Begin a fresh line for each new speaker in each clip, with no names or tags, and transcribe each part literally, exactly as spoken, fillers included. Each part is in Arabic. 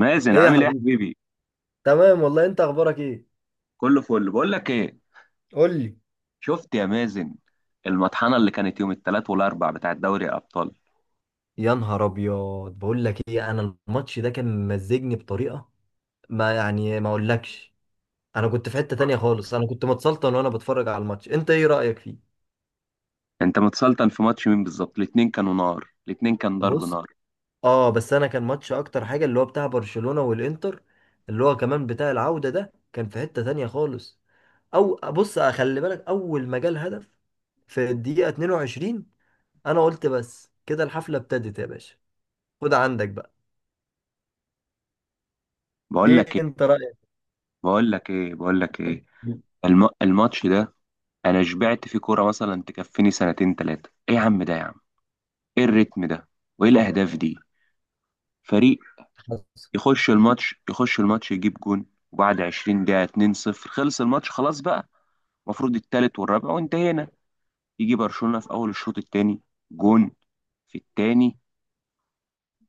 مازن،
ايه يا
عامل ايه يا
حبيبي.
حبيبي؟
تمام والله، انت اخبارك ايه؟
كله فل. بقول لك ايه
قول لي.
شفت يا مازن المطحنه اللي كانت يوم الثلاث والاربع بتاع دوري الابطال؟
يا نهار ابيض، بقول لك ايه، انا الماتش ده كان ممزجني بطريقه ما يعني ما اقولكش. انا كنت في حته تانية خالص، انا كنت متسلطن وانا بتفرج على الماتش. انت ايه رايك فيه؟
انت متسلطن في ماتش مين بالظبط؟ الاتنين كانوا نار، الاتنين كان ضرب
بص،
نار.
اه بس انا كان ماتش اكتر حاجه اللي هو بتاع برشلونه والانتر، اللي هو كمان بتاع العوده، ده كان في حته تانية خالص. او بص، خلي بالك، اول ما جال هدف في الدقيقه اتنين وعشرين، انا قلت بس كده الحفله ابتدت يا باشا. خد عندك بقى.
بقول
ايه
لك ايه
انت رايك؟
بقول لك ايه بقول لك ايه،
مم.
الم... الماتش ده انا شبعت فيه كوره، مثلا تكفيني سنتين ثلاثه. ايه يا عم ده يا عم، ايه الريتم ده وايه الاهداف دي؟ فريق
حصل.
يخش الماتش يخش الماتش يجيب جون، وبعد عشرين دقيقه اتنين صفر خلص الماتش خلاص بقى. المفروض التالت والرابع وانتهينا. يجي برشلونة في اول الشوط الثاني جون، في الثاني،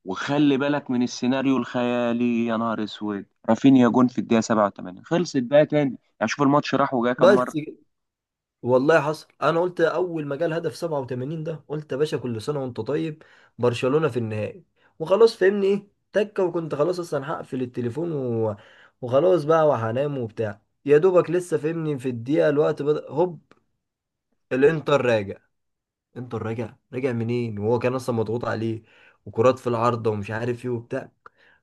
وخلي بالك من السيناريو الخيالي، يا نهار اسود رافينيا جون في الدقيقة السابعة والثمانين، خلصت بقى تاني. يعني شوف الماتش راح وجاي كام مرة.
بس كده. والله حصل. انا قلت اول ما جه الهدف سبعه وتمانين ده، قلت يا باشا كل سنه وانت طيب، برشلونه في النهائي، وخلاص. فهمني ايه تكه، وكنت خلاص اصلا هقفل التليفون و... وخلاص بقى وهنام وبتاع، يا دوبك لسه فهمني في الدقيقه، الوقت بدأ، هوب الانتر راجع. انتر راجع راجع منين، وهو كان اصلا مضغوط عليه، وكرات في العارضه ومش عارف ايه وبتاع.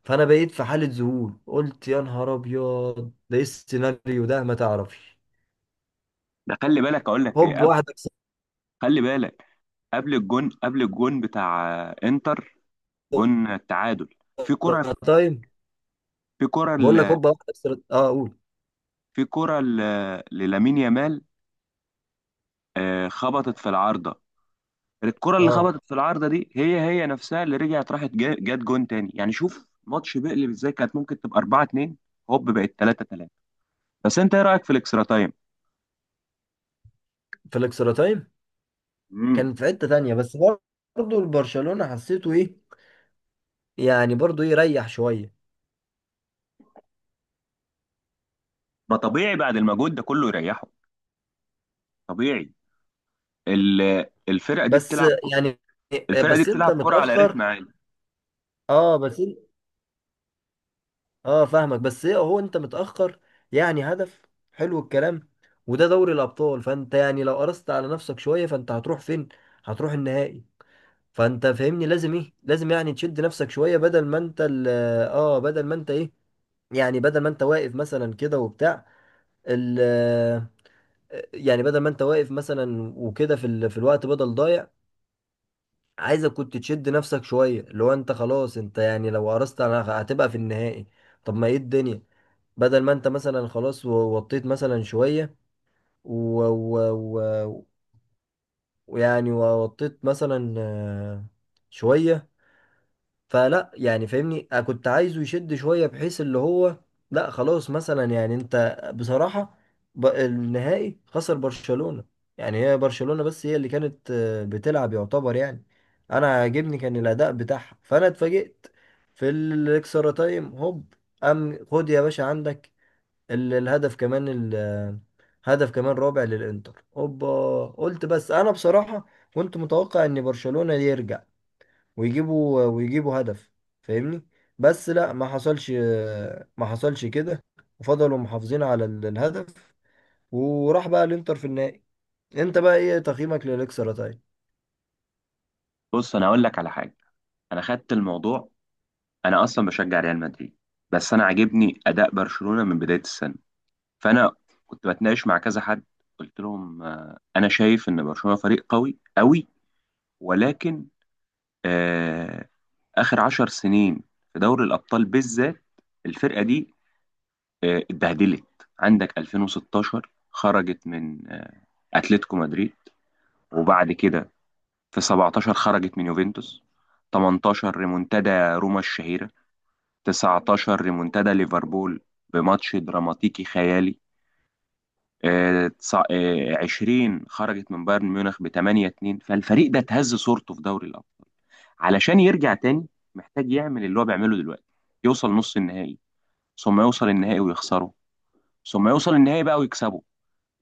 فانا بقيت في حاله ذهول، قلت يا نهار ابيض، ده ايه السيناريو ده، ما تعرفش.
ده خلي بالك، اقول لك ايه،
هوب
قبل،
واحده.
خلي بالك، قبل الجون قبل الجون بتاع آه، انتر، جون التعادل، في كرة
تايم.
في كرة
بقول لك
ل-
هوبا واحدة في الإكسترا- اه قول.
في كرة ل- للامين يامال، آه، خبطت في العارضة. الكرة اللي
اه،
خبطت في العارضة دي هي هي نفسها اللي رجعت، راحت جا- جت جون تاني. يعني شوف ماتش بيقلب ازاي، كانت ممكن تبقى اربعة اتنين هوب بقت تلاتة تلاتة. بس انت ايه رأيك في الاكسترا تايم؟
في الاكسترا تايم
امم
كان في حتة تانية، بس برضه البرشلونة حسيته ايه، يعني برضه ايه، ريح شوية.
ما طبيعي، بعد المجهود ده كله يريحه، طبيعي. ال- الفرقة دي
بس
بتلعب ك-
يعني،
الفرقة دي
بس انت
بتلعب كرة على رتم
متأخر.
عالي.
اه بس إن- اه فاهمك، بس ايه هو انت متأخر، يعني هدف. حلو الكلام. وده دوري الأبطال، فانت يعني لو قرصت على نفسك شوية فانت هتروح فين؟ هتروح النهائي. فانت فاهمني، لازم ايه، لازم يعني تشد نفسك شوية بدل ما انت ال- اه بدل ما انت ايه، يعني بدل ما انت واقف مثلا كده وبتاع ال، يعني بدل ما انت واقف مثلا وكده في ال... في الوقت بدل ضايع، عايزك كنت تشد نفسك شويه، اللي هو انت خلاص، انت يعني لو قرصت انا هتبقى في النهائي. طب ما ايه الدنيا، بدل ما انت مثلا خلاص و- وطيت مثلا شويه و... و... و... ويعني وطيت مثلا آه، شويه. فلا يعني فاهمني، أنا كنت عايزه يشد شوية بحيث اللي هو، لا خلاص مثلا، يعني انت بصراحة، ب- النهائي خسر برشلونة. يعني هي برشلونة بس هي اللي كانت آه، بتلعب يعتبر يعني. انا عاجبني كان الاداء بتاعها، فانا اتفاجئت في الاكسترا تايم، هوب. ام خد يا باشا عندك ال- الهدف كمان ال- آه، هدف كمان رابع للانتر، هوبا. قلت بس انا بصراحة، كنت متوقع ان برشلونة يرجع، ويجيبوا ويجيبوا هدف، فاهمني. بس لا، ما حصلش، ما حصلش كده، وفضلوا محافظين على ال- الهدف، وراح بقى الانتر في النهائي. انت بقى ايه تقييمك للاكسرة طيب؟
بص انا اقول لك على حاجة. انا خدت الموضوع، انا اصلا بشجع ريال مدريد، بس انا عاجبني اداء برشلونة من بداية السنة. فانا كنت بتناقش مع كذا حد، قلت لهم آه، انا شايف ان برشلونه فريق قوي قوي. ولكن آه، آخر عشر سنين في دوري الأبطال بالذات، الفرقة دي آه، اتبهدلت. عندك ألفين وستاشر خرجت من آه، أتلتيكو مدريد. وبعد كده في سبعتاشر خرجت من يوفنتوس. تمنتاشر ريمونتادا روما الشهيرة. تسعتاشر ريمونتادا ليفربول بماتش دراماتيكي خيالي. آه، تسع- آه، عشرين خرجت من بايرن ميونخ ب تمنية اتنين. فالفريق ده اتهز صورته في دوري الأبطال. علشان يرجع تاني محتاج يعمل اللي هو بيعمله دلوقتي، يوصل نص النهائي، ثم يوصل النهائي ويخسره، ثم يوصل النهائي بقى ويكسبه،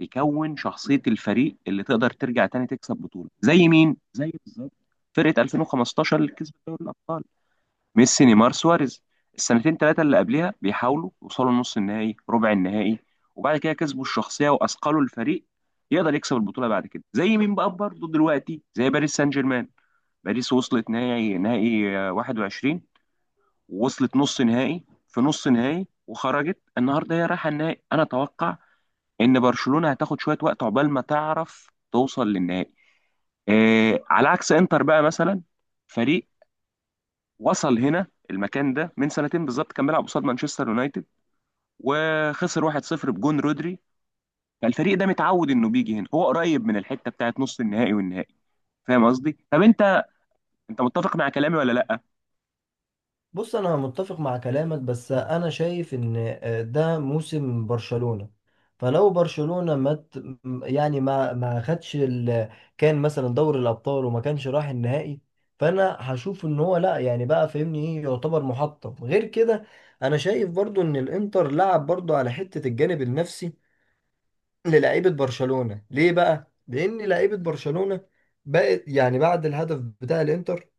يكون شخصية الفريق اللي تقدر ترجع تاني تكسب بطولة. زي مين؟ زي بالظبط فرقة ألفين وخمستاشر اللي كسبت دوري الأبطال، ميسي، نيمار، سواريز. السنتين ثلاثة اللي قبلها بيحاولوا يوصلوا نص النهائي، ربع النهائي، وبعد كده كسبوا الشخصية وأثقلوا الفريق يقدر يكسب البطولة بعد كده. زي مين بقى برضه دلوقتي؟ زي باريس سان جيرمان. باريس وصلت نهائي، نهائي آه، واحد وعشرين، ووصلت نص نهائي في نص نهائي، وخرجت النهارده هي رايحه النهائي. انا اتوقع ان برشلونه هتاخد شويه وقت عقبال ما تعرف توصل للنهائي. آه، على عكس انتر بقى مثلا، فريق وصل هنا المكان ده من سنتين بالظبط، كان بيلعب قصاد مانشستر يونايتد وخسر واحد صفر بجون رودري. فالفريق ده متعود انه بيجي هنا، هو قريب من الحته بتاعت نص النهائي والنهائي. فاهم قصدي؟ طب انت انت متفق مع كلامي ولا لا؟
بص انا متفق مع كلامك، بس انا شايف ان آه، ده موسم برشلونة. فلو برشلونة ما ت- يعني ما ما خدش ال... كان مثلا دوري الابطال وما كانش راح النهائي، فانا هشوف ان هو لا يعني بقى، فاهمني ايه، يعتبر محطم غير كده. انا شايف برضو ان الانتر لعب برضو على حتة الجانب النفسي للعيبة برشلونة. ليه بقى؟ لان لعيبة برشلونة بقت يعني بعد الهدف بتاع الانتر،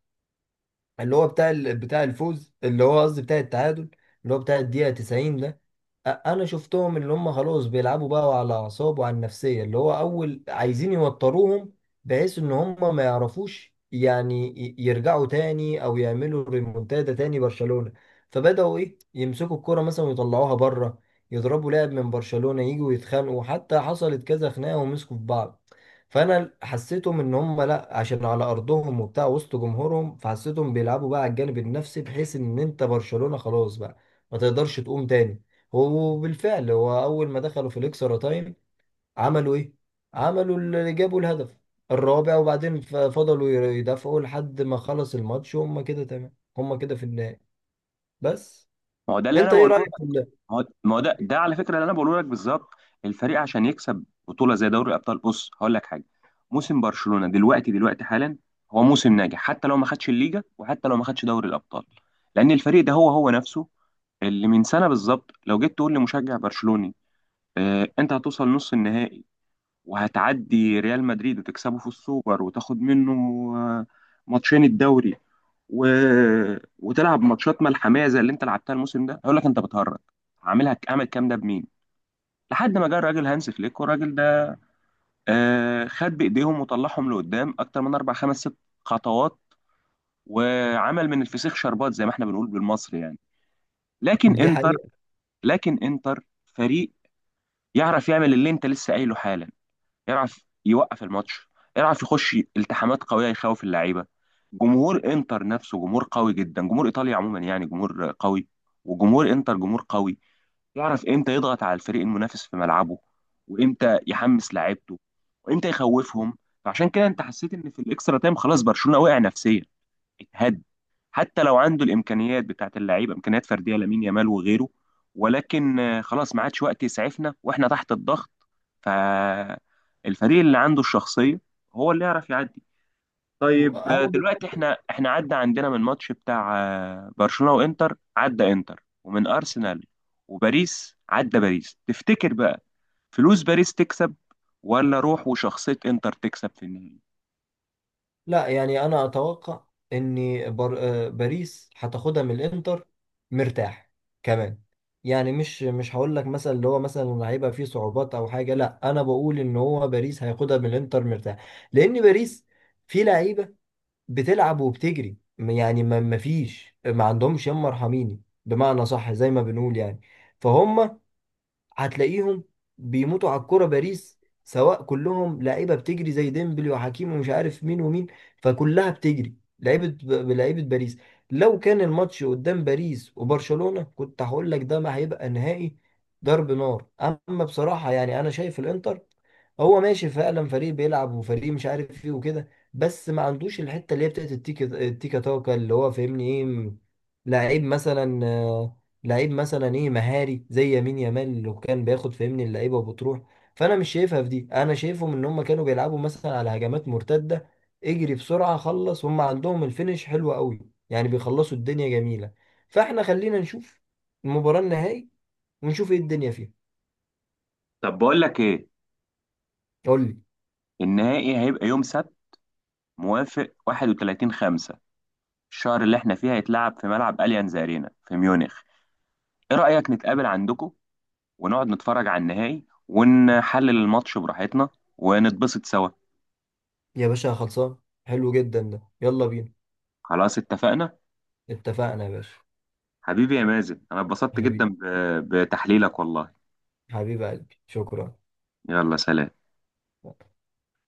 اللي هو بتاع ال- بتاع الفوز، اللي هو قصدي بتاع التعادل، اللي هو بتاع الدقيقة تسعين ده. أ- انا شفتهم اللي هم خلاص بيلعبوا بقى على اعصاب وعلى النفسية، اللي هو اول عايزين يوتروهم بحيث ان هم ما يعرفوش، يعني ي- يرجعوا تاني او يعملوا ريمونتادا تاني برشلونة. فبدأوا ايه، يمسكوا الكرة مثلا ويطلعوها بره، يضربوا لاعب من برشلونة، يجوا يتخانقوا، حتى حصلت كذا خناقة ومسكوا في بعض. فانا حسيتهم ان هم لا، عشان على ارضهم وبتاع وسط جمهورهم، فحسيتهم بيلعبوا بقى على الجانب النفسي، بحيث ان انت برشلونة خلاص بقى، ما تقدرش تقوم تاني. وبالفعل، هو اول ما دخلوا في الاكسترا تايم، عملوا ايه، عملوا اللي جابوا الهدف الرابع، وبعدين ف- فضلوا ي- يدافعوا لحد ما خلص الماتش، وهم كده تمام، هم كده في النهائي. بس.
ما هو ده اللي انا
انت ايه
بقوله. ما
رايك في ال-
هو ما هو ده ده على فكره اللي انا بقوله لك بالظبط. الفريق عشان يكسب بطوله زي دوري الابطال، بص هقول لك حاجه، موسم برشلونه دلوقتي دلوقتي حالا، هو موسم ناجح حتى لو ما خدش الليجا وحتى لو ما خدش دوري الابطال. لان الفريق ده هو هو نفسه اللي من سنه بالظبط لو جيت تقول لمشجع برشلوني آه انت هتوصل نص النهائي وهتعدي ريال مدريد وتكسبه في السوبر وتاخد منه آه، ماتشين الدوري و... وتلعب ماتشات ملحميه زي اللي انت لعبتها الموسم ده، هيقول لك انت بتهرج، عاملها اعمل الكلام ده بمين؟ لحد ما جه الراجل هانس فليك، والراجل ده آه خد بايديهم وطلعهم لقدام اكتر من اربع خمس ست خطوات، وعمل من الفسيخ شربات زي ما احنا بنقول بالمصري يعني. لكن
دي
انتر
حقيقة.
لكن انتر فريق يعرف يعمل اللي انت لسه قايله حالا، يعرف يوقف الماتش، يعرف يخش التحامات قويه، يخوف اللعيبه. جمهور انتر نفسه جمهور قوي جدا، جمهور ايطاليا عموما يعني جمهور قوي، وجمهور انتر جمهور قوي. يعرف امتى يضغط على الفريق المنافس في ملعبه، وامتى يحمس لعيبته، وامتى يخوفهم. فعشان كده انت حسيت ان في الاكسترا تايم خلاص برشلونه وقع نفسيا، هد. حتى لو عنده الامكانيات بتاعت اللعيبه، امكانيات فرديه لامين يامال وغيره، ولكن آه، خلاص، ما عادش وقت يسعفنا واحنا تحت الضغط. فالفريق اللي عنده الشخصيه هو اللي يعرف يعدي. طيب، آه،
انا
دلوقتي احنا احنا عدى عندنا من ماتش بتاع آه، برشلونه وانتر، عدى انتر، ومن ارسنال وباريس، عدى باريس. تفتكر بقى فلوس باريس تكسب، ولا روح وشخصيه انتر تكسب في النهائي؟
لا يعني انا اتوقع ان بر... آه، باريس هتاخدها من الانتر مرتاح، كمان. يعني مش مش هقول لك مثلا اللي هو مثلا هيبقى فيه صعوبات او حاجه، لا انا بقول ان هو باريس هياخدها من الانتر مرتاح، لان باريس في لعيبه بتلعب وبتجري، م- يعني ما ما فيش، ما عندهمش يما ارحميني، بمعنى صح زي ما بنقول يعني. فهم، هتلاقيهم بيموتوا على الكرة باريس، سواء كلهم لعيبة بتجري زي ديمبلي وحكيمي ومش عارف مين ومين. فكلها بتجري لعيبة، لعيبة باريس. لو كان الماتش قدام باريس وبرشلونة كنت هقول لك ده ما هيبقى نهائي، ضرب نار. اما بصراحة يعني انا شايف الانتر هو ماشي فعلا، فريق بيلعب وفريق مش عارف ايه وكده، بس ما عندوش الحته اللي هي بتاعت التيكا التيكا تاكا، اللي هو فاهمني ايه، م- لعيب مثلا آه، لعيب مثلا ايه مهاري زي يمين يامال اللي كان بياخد فاهمني اللعيبه وبتروح. فانا مش شايفها في دي، انا شايفهم ان هم كانوا بيلعبوا مثلا على هجمات مرتده، اجري بسرعه خلص، هم عندهم الفينش حلو قوي، يعني بيخلصوا الدنيا جميله. فاحنا خلينا نشوف المباراه النهائي، ونشوف ايه الدنيا فيها.
طب بقول لك ايه،
قول لي.
النهائي هيبقى يوم سبت، موافق واحد وتلاتين خمسة الشهر اللي احنا فيه، هيتلعب في ملعب أليانز أرينا في ميونخ. ايه رأيك نتقابل عندكم، ونقعد نتفرج على النهائي ونحلل الماتش براحتنا ونتبسط سوا؟
يا باشا خلصان، حلو جدا ده، يلا بينا.
خلاص، اتفقنا.
اتفقنا يا باشا.
حبيبي يا مازن، انا اتبسطت جدا
حبيبي،
ب- بتحليلك والله.
حبيب قلبي، شكرا.
يلا سلام.